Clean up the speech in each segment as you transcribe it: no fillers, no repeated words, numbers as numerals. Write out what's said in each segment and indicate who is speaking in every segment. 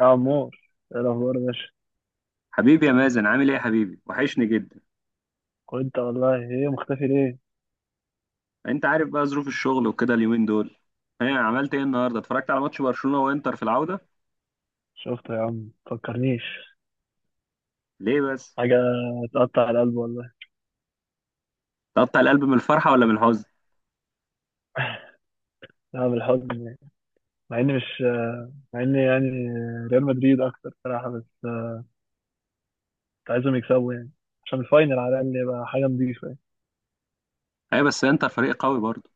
Speaker 1: يا عمور، ايه الاخبار يا باشا؟
Speaker 2: حبيبي يا مازن، عامل ايه يا حبيبي؟ وحشني جدا.
Speaker 1: وانت والله، ايه مختفي ليه؟
Speaker 2: انت عارف بقى ظروف الشغل وكده اليومين دول. عملت ايه النهارده؟ اتفرجت على ماتش برشلونة وانتر في العودة.
Speaker 1: شفته يا عم، مفكرنيش
Speaker 2: ليه بس؟
Speaker 1: حاجه. تقطع القلب والله.
Speaker 2: تقطع القلب من الفرحة ولا من الحزن؟
Speaker 1: انا بالحزن. مع اني مش مع اني يعني ريال مدريد اكتر صراحه، بس كنت عايزهم يكسبوا يعني، عشان الفاينل على الاقل يبقى حاجه نضيفه يعني.
Speaker 2: ايوه، بس انتر فريق قوي برضه.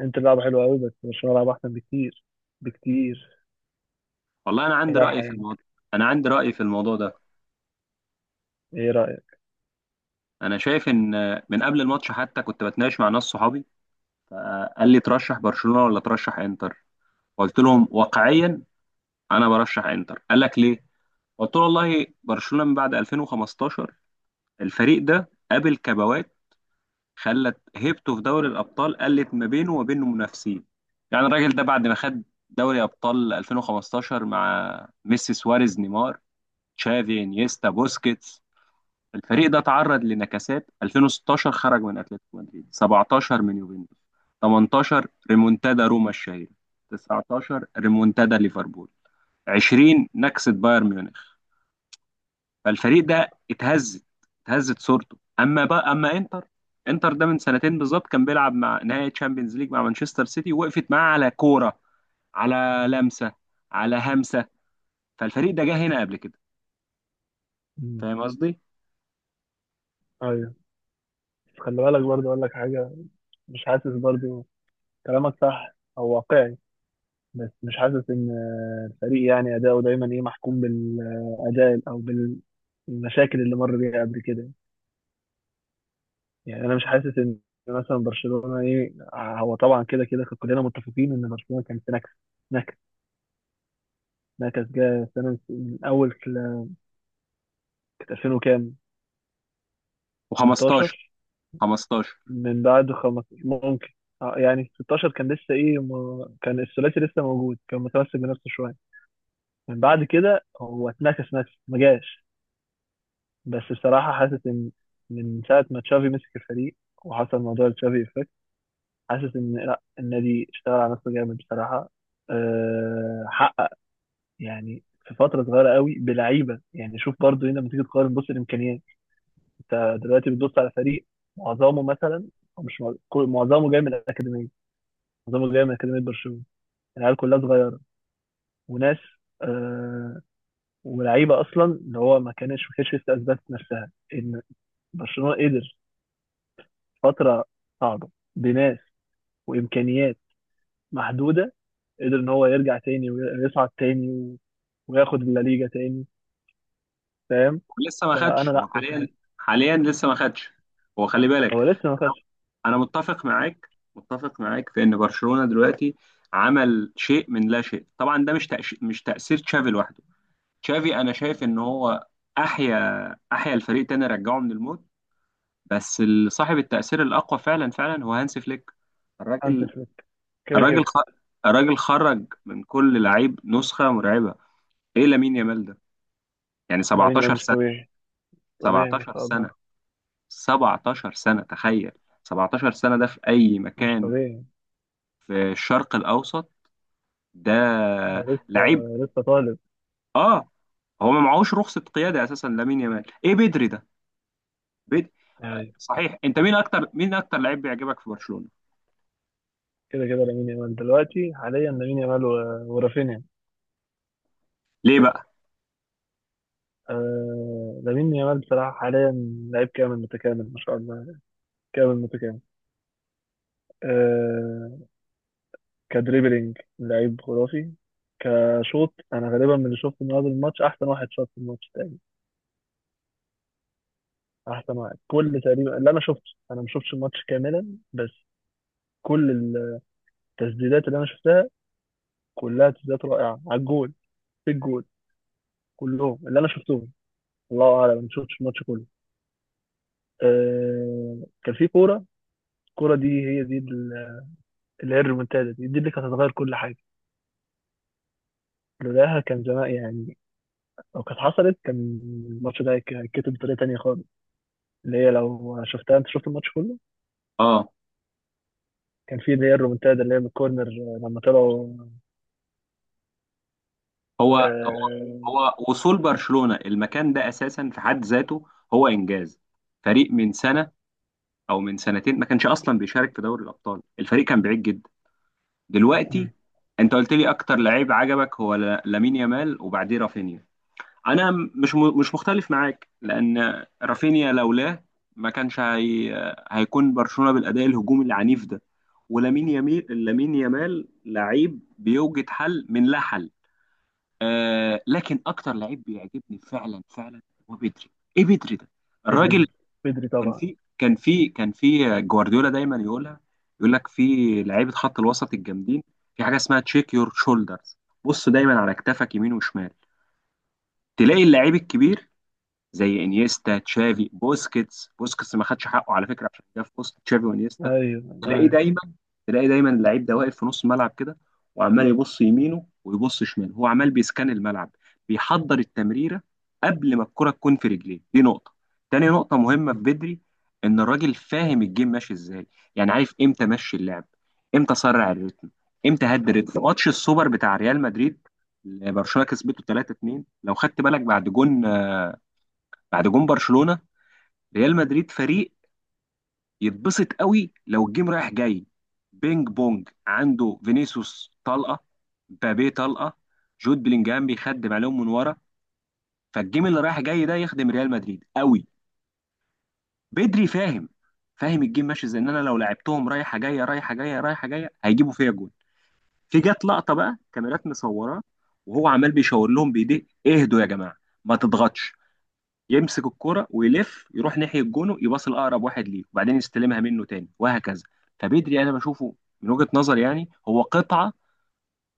Speaker 1: انت لعبه حلوه قوي، بس برشلونه لعبه احسن بكتير.
Speaker 2: والله انا عندي
Speaker 1: صراحه
Speaker 2: رأي في
Speaker 1: يعني.
Speaker 2: الموضوع. انا عندي رأي في الموضوع ده.
Speaker 1: ايه رايك؟
Speaker 2: انا شايف ان من قبل الماتش حتى كنت بتناقش مع ناس صحابي. قال لي ترشح برشلونة ولا ترشح انتر؟ قلت لهم واقعيا انا برشح انتر. قال لك ليه؟ قلت له والله برشلونة من بعد 2015 الفريق ده قابل كبوات، خلت هيبته في دوري الابطال، قلت ما بينه وما بين منافسين. يعني الراجل ده بعد ما خد دوري ابطال 2015 مع ميسي سواريز نيمار تشافي انيستا بوسكيتس، الفريق ده تعرض لنكسات. 2016 خرج من اتلتيكو مدريد، 17 من يوفنتوس، 18 ريمونتادا روما الشهيرة، 19 ريمونتادا ليفربول، 20 نكسة بايرن ميونخ. فالفريق ده اتهزت صورته. اما بقى اما انتر، انتر ده من سنتين بالظبط كان بيلعب مع نهائي تشامبيونز ليج مع مانشستر سيتي، ووقفت معاه على كوره، على لمسه، على همسه. فالفريق ده جه هنا قبل كده.
Speaker 1: مم.
Speaker 2: فاهم قصدي؟
Speaker 1: ايوه، بس خلي بالك برضه اقول لك حاجه. مش حاسس برضه. كلامك صح او واقعي، بس مش حاسس ان الفريق يعني اداؤه دايما ايه محكوم بالاداء او بالمشاكل اللي مر بيها قبل كده. يعني انا مش حاسس ان مثلا برشلونه ايه، هو طبعا كده كده كلنا متفقين ان برشلونه كان في نكس، نكس نكس جه سنه من اول 2000 وكام،
Speaker 2: و15.
Speaker 1: 18،
Speaker 2: 15.
Speaker 1: من بعد 15 ممكن. يعني 16 كان لسه ايه، ما كان الثلاثي لسه موجود، كان متمسك بنفسه شويه. من بعد كده هو اتنكس نكس ما جاش. بس بصراحة حاسس إن من ساعة ما تشافي مسك الفريق وحصل موضوع تشافي إفكت، حاسس إن لأ، النادي اشتغل على نفسه جامد بصراحة. حقق يعني في فترة صغيرة قوي بلعيبة. يعني شوف برضو هنا لما تيجي تقارن، بص الإمكانيات. أنت دلوقتي بتبص على فريق معظمه مثلا، أو مش مع- كل- معظمه جاي من الأكاديمية، معظمه جاي من أكاديمية برشلونة. العيال كلها صغيرة وناس، أه ولعيبة أصلا اللي هو ما كانتش لسه أثبتت نفسها، إن برشلونة قدر فترة صعبة بناس وإمكانيات محدودة، قدر إن هو يرجع تاني ويصعد تاني وياخد الليجا تاني. فاهم؟
Speaker 2: ولسه ما
Speaker 1: فأنا
Speaker 2: خدش
Speaker 1: لأ،
Speaker 2: هو
Speaker 1: كنت
Speaker 2: حاليا.
Speaker 1: حاسس.
Speaker 2: حاليا لسه ما خدش. هو خلي بالك،
Speaker 1: هو لسه ما خدش.
Speaker 2: انا متفق معاك، متفق معاك في ان برشلونة دلوقتي عمل شيء من لا شيء. طبعا ده مش تأثير تشافي لوحده. تشافي انا شايف ان هو احيا أحيا الفريق تاني، رجعه من الموت. بس صاحب التأثير الأقوى فعلا فعلا هو هانس فليك.
Speaker 1: هانسي
Speaker 2: الراجل،
Speaker 1: فليك، كده
Speaker 2: الراجل خ...
Speaker 1: كده.
Speaker 2: الراجل خرج من كل لعيب نسخة مرعبة. إيه لامين يامال ده؟ يعني
Speaker 1: لامين يامال
Speaker 2: 17
Speaker 1: مش
Speaker 2: سنة.
Speaker 1: طبيعي، طبيعي ما
Speaker 2: 17
Speaker 1: شاء الله.
Speaker 2: سنة. 17 سنة، تخيل. 17 سنة ده في أي
Speaker 1: مش
Speaker 2: مكان
Speaker 1: طبيعي.
Speaker 2: في الشرق الأوسط. ده
Speaker 1: ده لسه،
Speaker 2: لعيب.
Speaker 1: لسه طالب
Speaker 2: آه. هو ما معهوش رخصة قيادة أساسا لامين يامال. إيه بدري ده؟ بدري.
Speaker 1: يعني.
Speaker 2: صحيح أنت مين أكتر لعيب بيعجبك في برشلونة؟
Speaker 1: كده كده لامين يامال دلوقتي، حاليا لامين يامال ورافينيا.
Speaker 2: ليه بقى؟
Speaker 1: آه، لامين يامال بصراحة حاليا لعيب كامل متكامل ما شاء الله، كامل متكامل. آه. كدريبلينج لعيب خرافي. كشوط، انا غالبا من اللي شفته من هذا الماتش، احسن واحد شاط في الماتش تقريبا، احسن واحد كل تقريبا اللي انا شفته. انا ما شفتش الماتش كاملا، بس كل التسديدات اللي انا شفتها كلها تسديدات رائعه على الجول، في الجول، كلهم اللي انا شفتهم. الله اعلم، ما شفتش الماتش كله. أه كان في كوره، الكوره دي هي دي اللي هي الريمونتادا دي، دي اللي كانت هتغير كل حاجه، لولاها كان زمان يعني. لو كانت حصلت، كان الماتش ده هيتكتب بطريقه تانيه خالص، اللي هي لو شفتها انت شفت الماتش كله.
Speaker 2: اه
Speaker 1: كان في اللي هي الرومنتادا اللي هي من الكورنر، لما طلعوا.
Speaker 2: هو
Speaker 1: آه.
Speaker 2: وصول برشلونة المكان ده اساسا في حد ذاته هو انجاز. فريق من سنة او من سنتين ما كانش اصلا بيشارك في دوري الابطال، الفريق كان بعيد جدا. دلوقتي
Speaker 1: مم.
Speaker 2: انت قلت لي اكتر لعيب عجبك هو لامين يامال وبعديه رافينيا. انا مش مختلف معاك لان رافينيا لولاه ما كانش هي... هيكون برشلونة بالاداء الهجومي العنيف ده. ولامين يامال، لامين يامال لعيب بيوجد حل من لا حل. لكن اكتر لعيب بيعجبني فعلا فعلا هو بدري. ايه بدري ده؟ الراجل.
Speaker 1: بدري، بدري طبعا.
Speaker 2: كان في جوارديولا دايما يقولها. يقول لك في لعيبه خط الوسط الجامدين في حاجه اسمها تشيك يور شولدرز. بص دايما على كتافك يمين وشمال، تلاقي اللعيب الكبير زي انيستا تشافي بوسكيتس. بوسكيتس ما خدش حقه على فكره عشان جه في وسط تشافي وانيستا.
Speaker 1: ايوه
Speaker 2: تلاقيه
Speaker 1: ايوه.
Speaker 2: دايما تلاقي دايما اللعيب ده واقف في نص الملعب كده، وعمال يبص يمينه ويبص شماله. هو عمال بيسكان الملعب، بيحضر التمريره قبل ما الكره تكون في رجليه. دي نقطه. تاني نقطه مهمه في بدري، ان الراجل فاهم الجيم ماشي ازاي. يعني عارف امتى مشي اللعب، امتى سرع الريتم، امتى هدي الريتم. ماتش السوبر بتاع ريال مدريد اللي برشلونه كسبته 3-2، لو خدت بالك بعد جون، بعد جون برشلونه، ريال مدريد فريق يتبسط قوي لو الجيم رايح جاي، بينج بونج، عنده فينيسيوس طلقه، مبابي طلقه، جود بلينجهام بيخدم عليهم من ورا. فالجيم اللي رايح جاي ده يخدم ريال مدريد قوي. بدري فاهم، فاهم الجيم ماشي ازاي، ان انا لو لعبتهم رايحه جايه رايحه جايه رايحه جايه هيجيبوا فيا جون. في جت لقطه بقى كاميرات مصوراه وهو عمال بيشاور لهم بايديه: اهدوا يا جماعه، ما تضغطش. يمسك الكرة ويلف يروح ناحية جونه، يباص لأقرب واحد ليه، وبعدين يستلمها منه تاني، وهكذا. فبدري أنا بشوفه من وجهة نظري يعني هو قطعة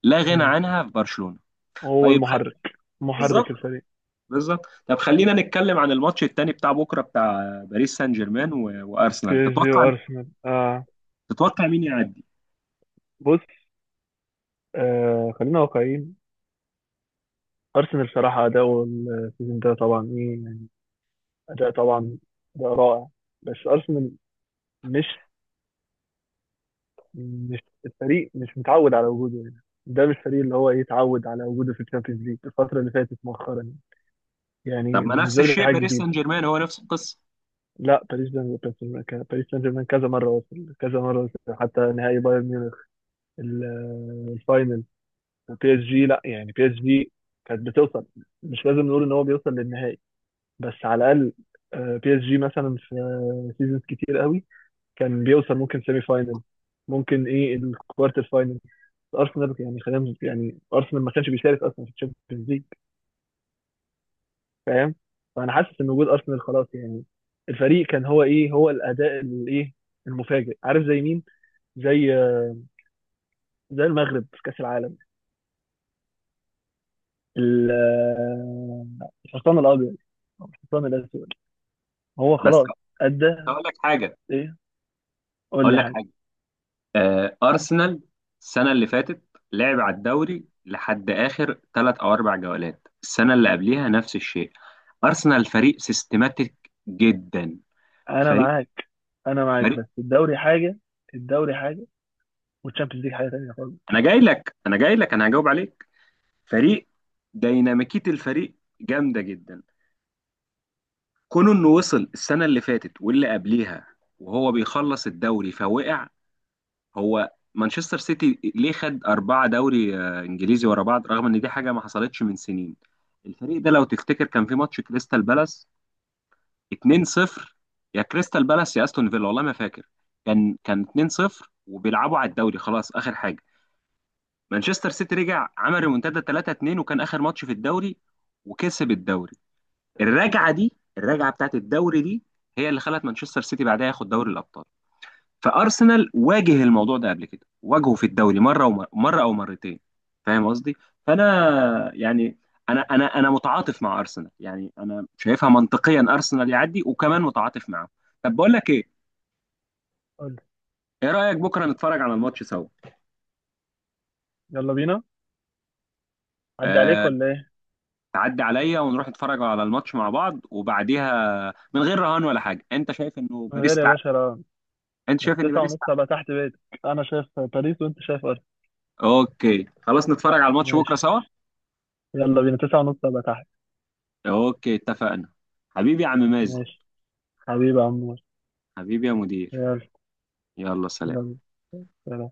Speaker 2: لا غنى
Speaker 1: مم.
Speaker 2: عنها في برشلونة.
Speaker 1: وهو
Speaker 2: طيب خ...
Speaker 1: المحرك، محرك
Speaker 2: بالظبط،
Speaker 1: الفريق.
Speaker 2: بالظبط. طب خلينا نتكلم عن الماتش التاني بتاع بكرة بتاع باريس سان جيرمان
Speaker 1: بي
Speaker 2: وأرسنال.
Speaker 1: اس جي
Speaker 2: تتوقع،
Speaker 1: وارسنال، اه.
Speaker 2: تتوقع مين يعدي؟
Speaker 1: بص، خلينا واقعيين. ارسنال صراحه اداؤه السيزون ده طبعا ايه يعني، اداء طبعا، اداء رائع. بس ارسنال مش مش الفريق مش متعود على وجوده هنا. ده مش فريق اللي هو ايه اتعود على وجوده في الشامبيونز ليج الفتره اللي فاتت مؤخرا.
Speaker 2: طب
Speaker 1: يعني
Speaker 2: ما نفس
Speaker 1: بالنسبه لي دي
Speaker 2: الشيء
Speaker 1: حاجه
Speaker 2: باريس
Speaker 1: جديده.
Speaker 2: سان جيرمان هو نفس القصة؟
Speaker 1: لا، باريس سان جيرمان كذا مره وصل، كذا مره وصل حتى نهائي بايرن ميونخ، الفاينل. بي اس جي لا يعني، بي اس جي كانت بتوصل. مش لازم نقول ان هو بيوصل للنهائي، بس على الاقل آه، بي اس جي مثلا في سيزونز كتير قوي كان بيوصل ممكن سيمي فاينل، ممكن ايه الكوارتر فاينل. ارسنال يعني خلينا يعني، ارسنال ما كانش بيشارك اصلا في الشامبيونز ليج. فاهم؟ فانا حاسس ان وجود ارسنال خلاص يعني الفريق كان هو ايه، هو الاداء الايه المفاجئ. عارف زي مين؟ زي زي المغرب في كاس العالم، ال- آه، الحصان الابيض أو الحصان الاسود. هو
Speaker 2: بس
Speaker 1: خلاص ادى.
Speaker 2: هقول لك حاجة،
Speaker 1: ايه؟ قول
Speaker 2: هقول
Speaker 1: لي
Speaker 2: لك
Speaker 1: حاجه.
Speaker 2: حاجة. أرسنال السنة اللي فاتت لعب على الدوري لحد آخر 3 أو 4 جولات، السنة اللي قبليها نفس الشيء. أرسنال فريق سيستماتيك جدا.
Speaker 1: انا
Speaker 2: فريق،
Speaker 1: معاك، انا معاك
Speaker 2: فريق.
Speaker 1: بس الدوري حاجه، الدوري حاجه، والتشامبيونز ليج حاجه تانيه خالص.
Speaker 2: أنا جاي لك، أنا جاي لك، أنا هجاوب عليك. فريق ديناميكية الفريق جامدة جدا. كونه إنه وصل السنة اللي فاتت واللي قبليها وهو بيخلص الدوري فوقع. هو مانشستر سيتي ليه خد 4 دوري إنجليزي ورا بعض رغم إن دي حاجة ما حصلتش من سنين؟ الفريق ده لو تفتكر كان في ماتش كريستال بالاس 2-0، يا كريستال بالاس يا أستون فيلا والله ما فاكر، كان 2-0 وبيلعبوا على الدوري خلاص آخر حاجة. مانشستر سيتي رجع عمل ريمونتادا 3-2 وكان آخر ماتش في الدوري وكسب الدوري. الرجعة دي، الرجعة بتاعت الدوري دي، هي اللي خلت مانشستر سيتي بعدها ياخد دوري الأبطال. فارسنال واجه الموضوع ده قبل كده، واجهه في الدوري مره ومره، مره او مرتين. فاهم قصدي؟ فانا يعني انا متعاطف مع ارسنال، يعني انا شايفها منطقيا ارسنال يعدي، وكمان متعاطف معاه. طب بقول لك ايه؟
Speaker 1: قول لي.
Speaker 2: ايه رايك بكره نتفرج على الماتش سوا؟
Speaker 1: يلا بينا. عدي عليك
Speaker 2: أه،
Speaker 1: ولا ايه؟
Speaker 2: تعدي عليا ونروح نتفرج على الماتش مع بعض، وبعديها من غير رهان ولا حاجه. انت شايف انه
Speaker 1: من
Speaker 2: باريس
Speaker 1: غير يا
Speaker 2: تعدي؟
Speaker 1: باشا، لا.
Speaker 2: انت
Speaker 1: بس
Speaker 2: شايف ان
Speaker 1: تسعة
Speaker 2: باريس
Speaker 1: ونص
Speaker 2: تعدي؟
Speaker 1: هبقى تحت بيتك. انا شايف باريس، وانت شايف ارسنال.
Speaker 2: اوكي خلاص، نتفرج على الماتش بكره
Speaker 1: ماشي.
Speaker 2: سوا.
Speaker 1: يلا بينا، تسعة ونص ابقى تحت.
Speaker 2: اوكي اتفقنا. حبيبي يا عم مازن.
Speaker 1: ماشي. حبيبي يا عمور.
Speaker 2: حبيبي يا مدير.
Speaker 1: يلا.
Speaker 2: يلا سلام.
Speaker 1: يلا سلام.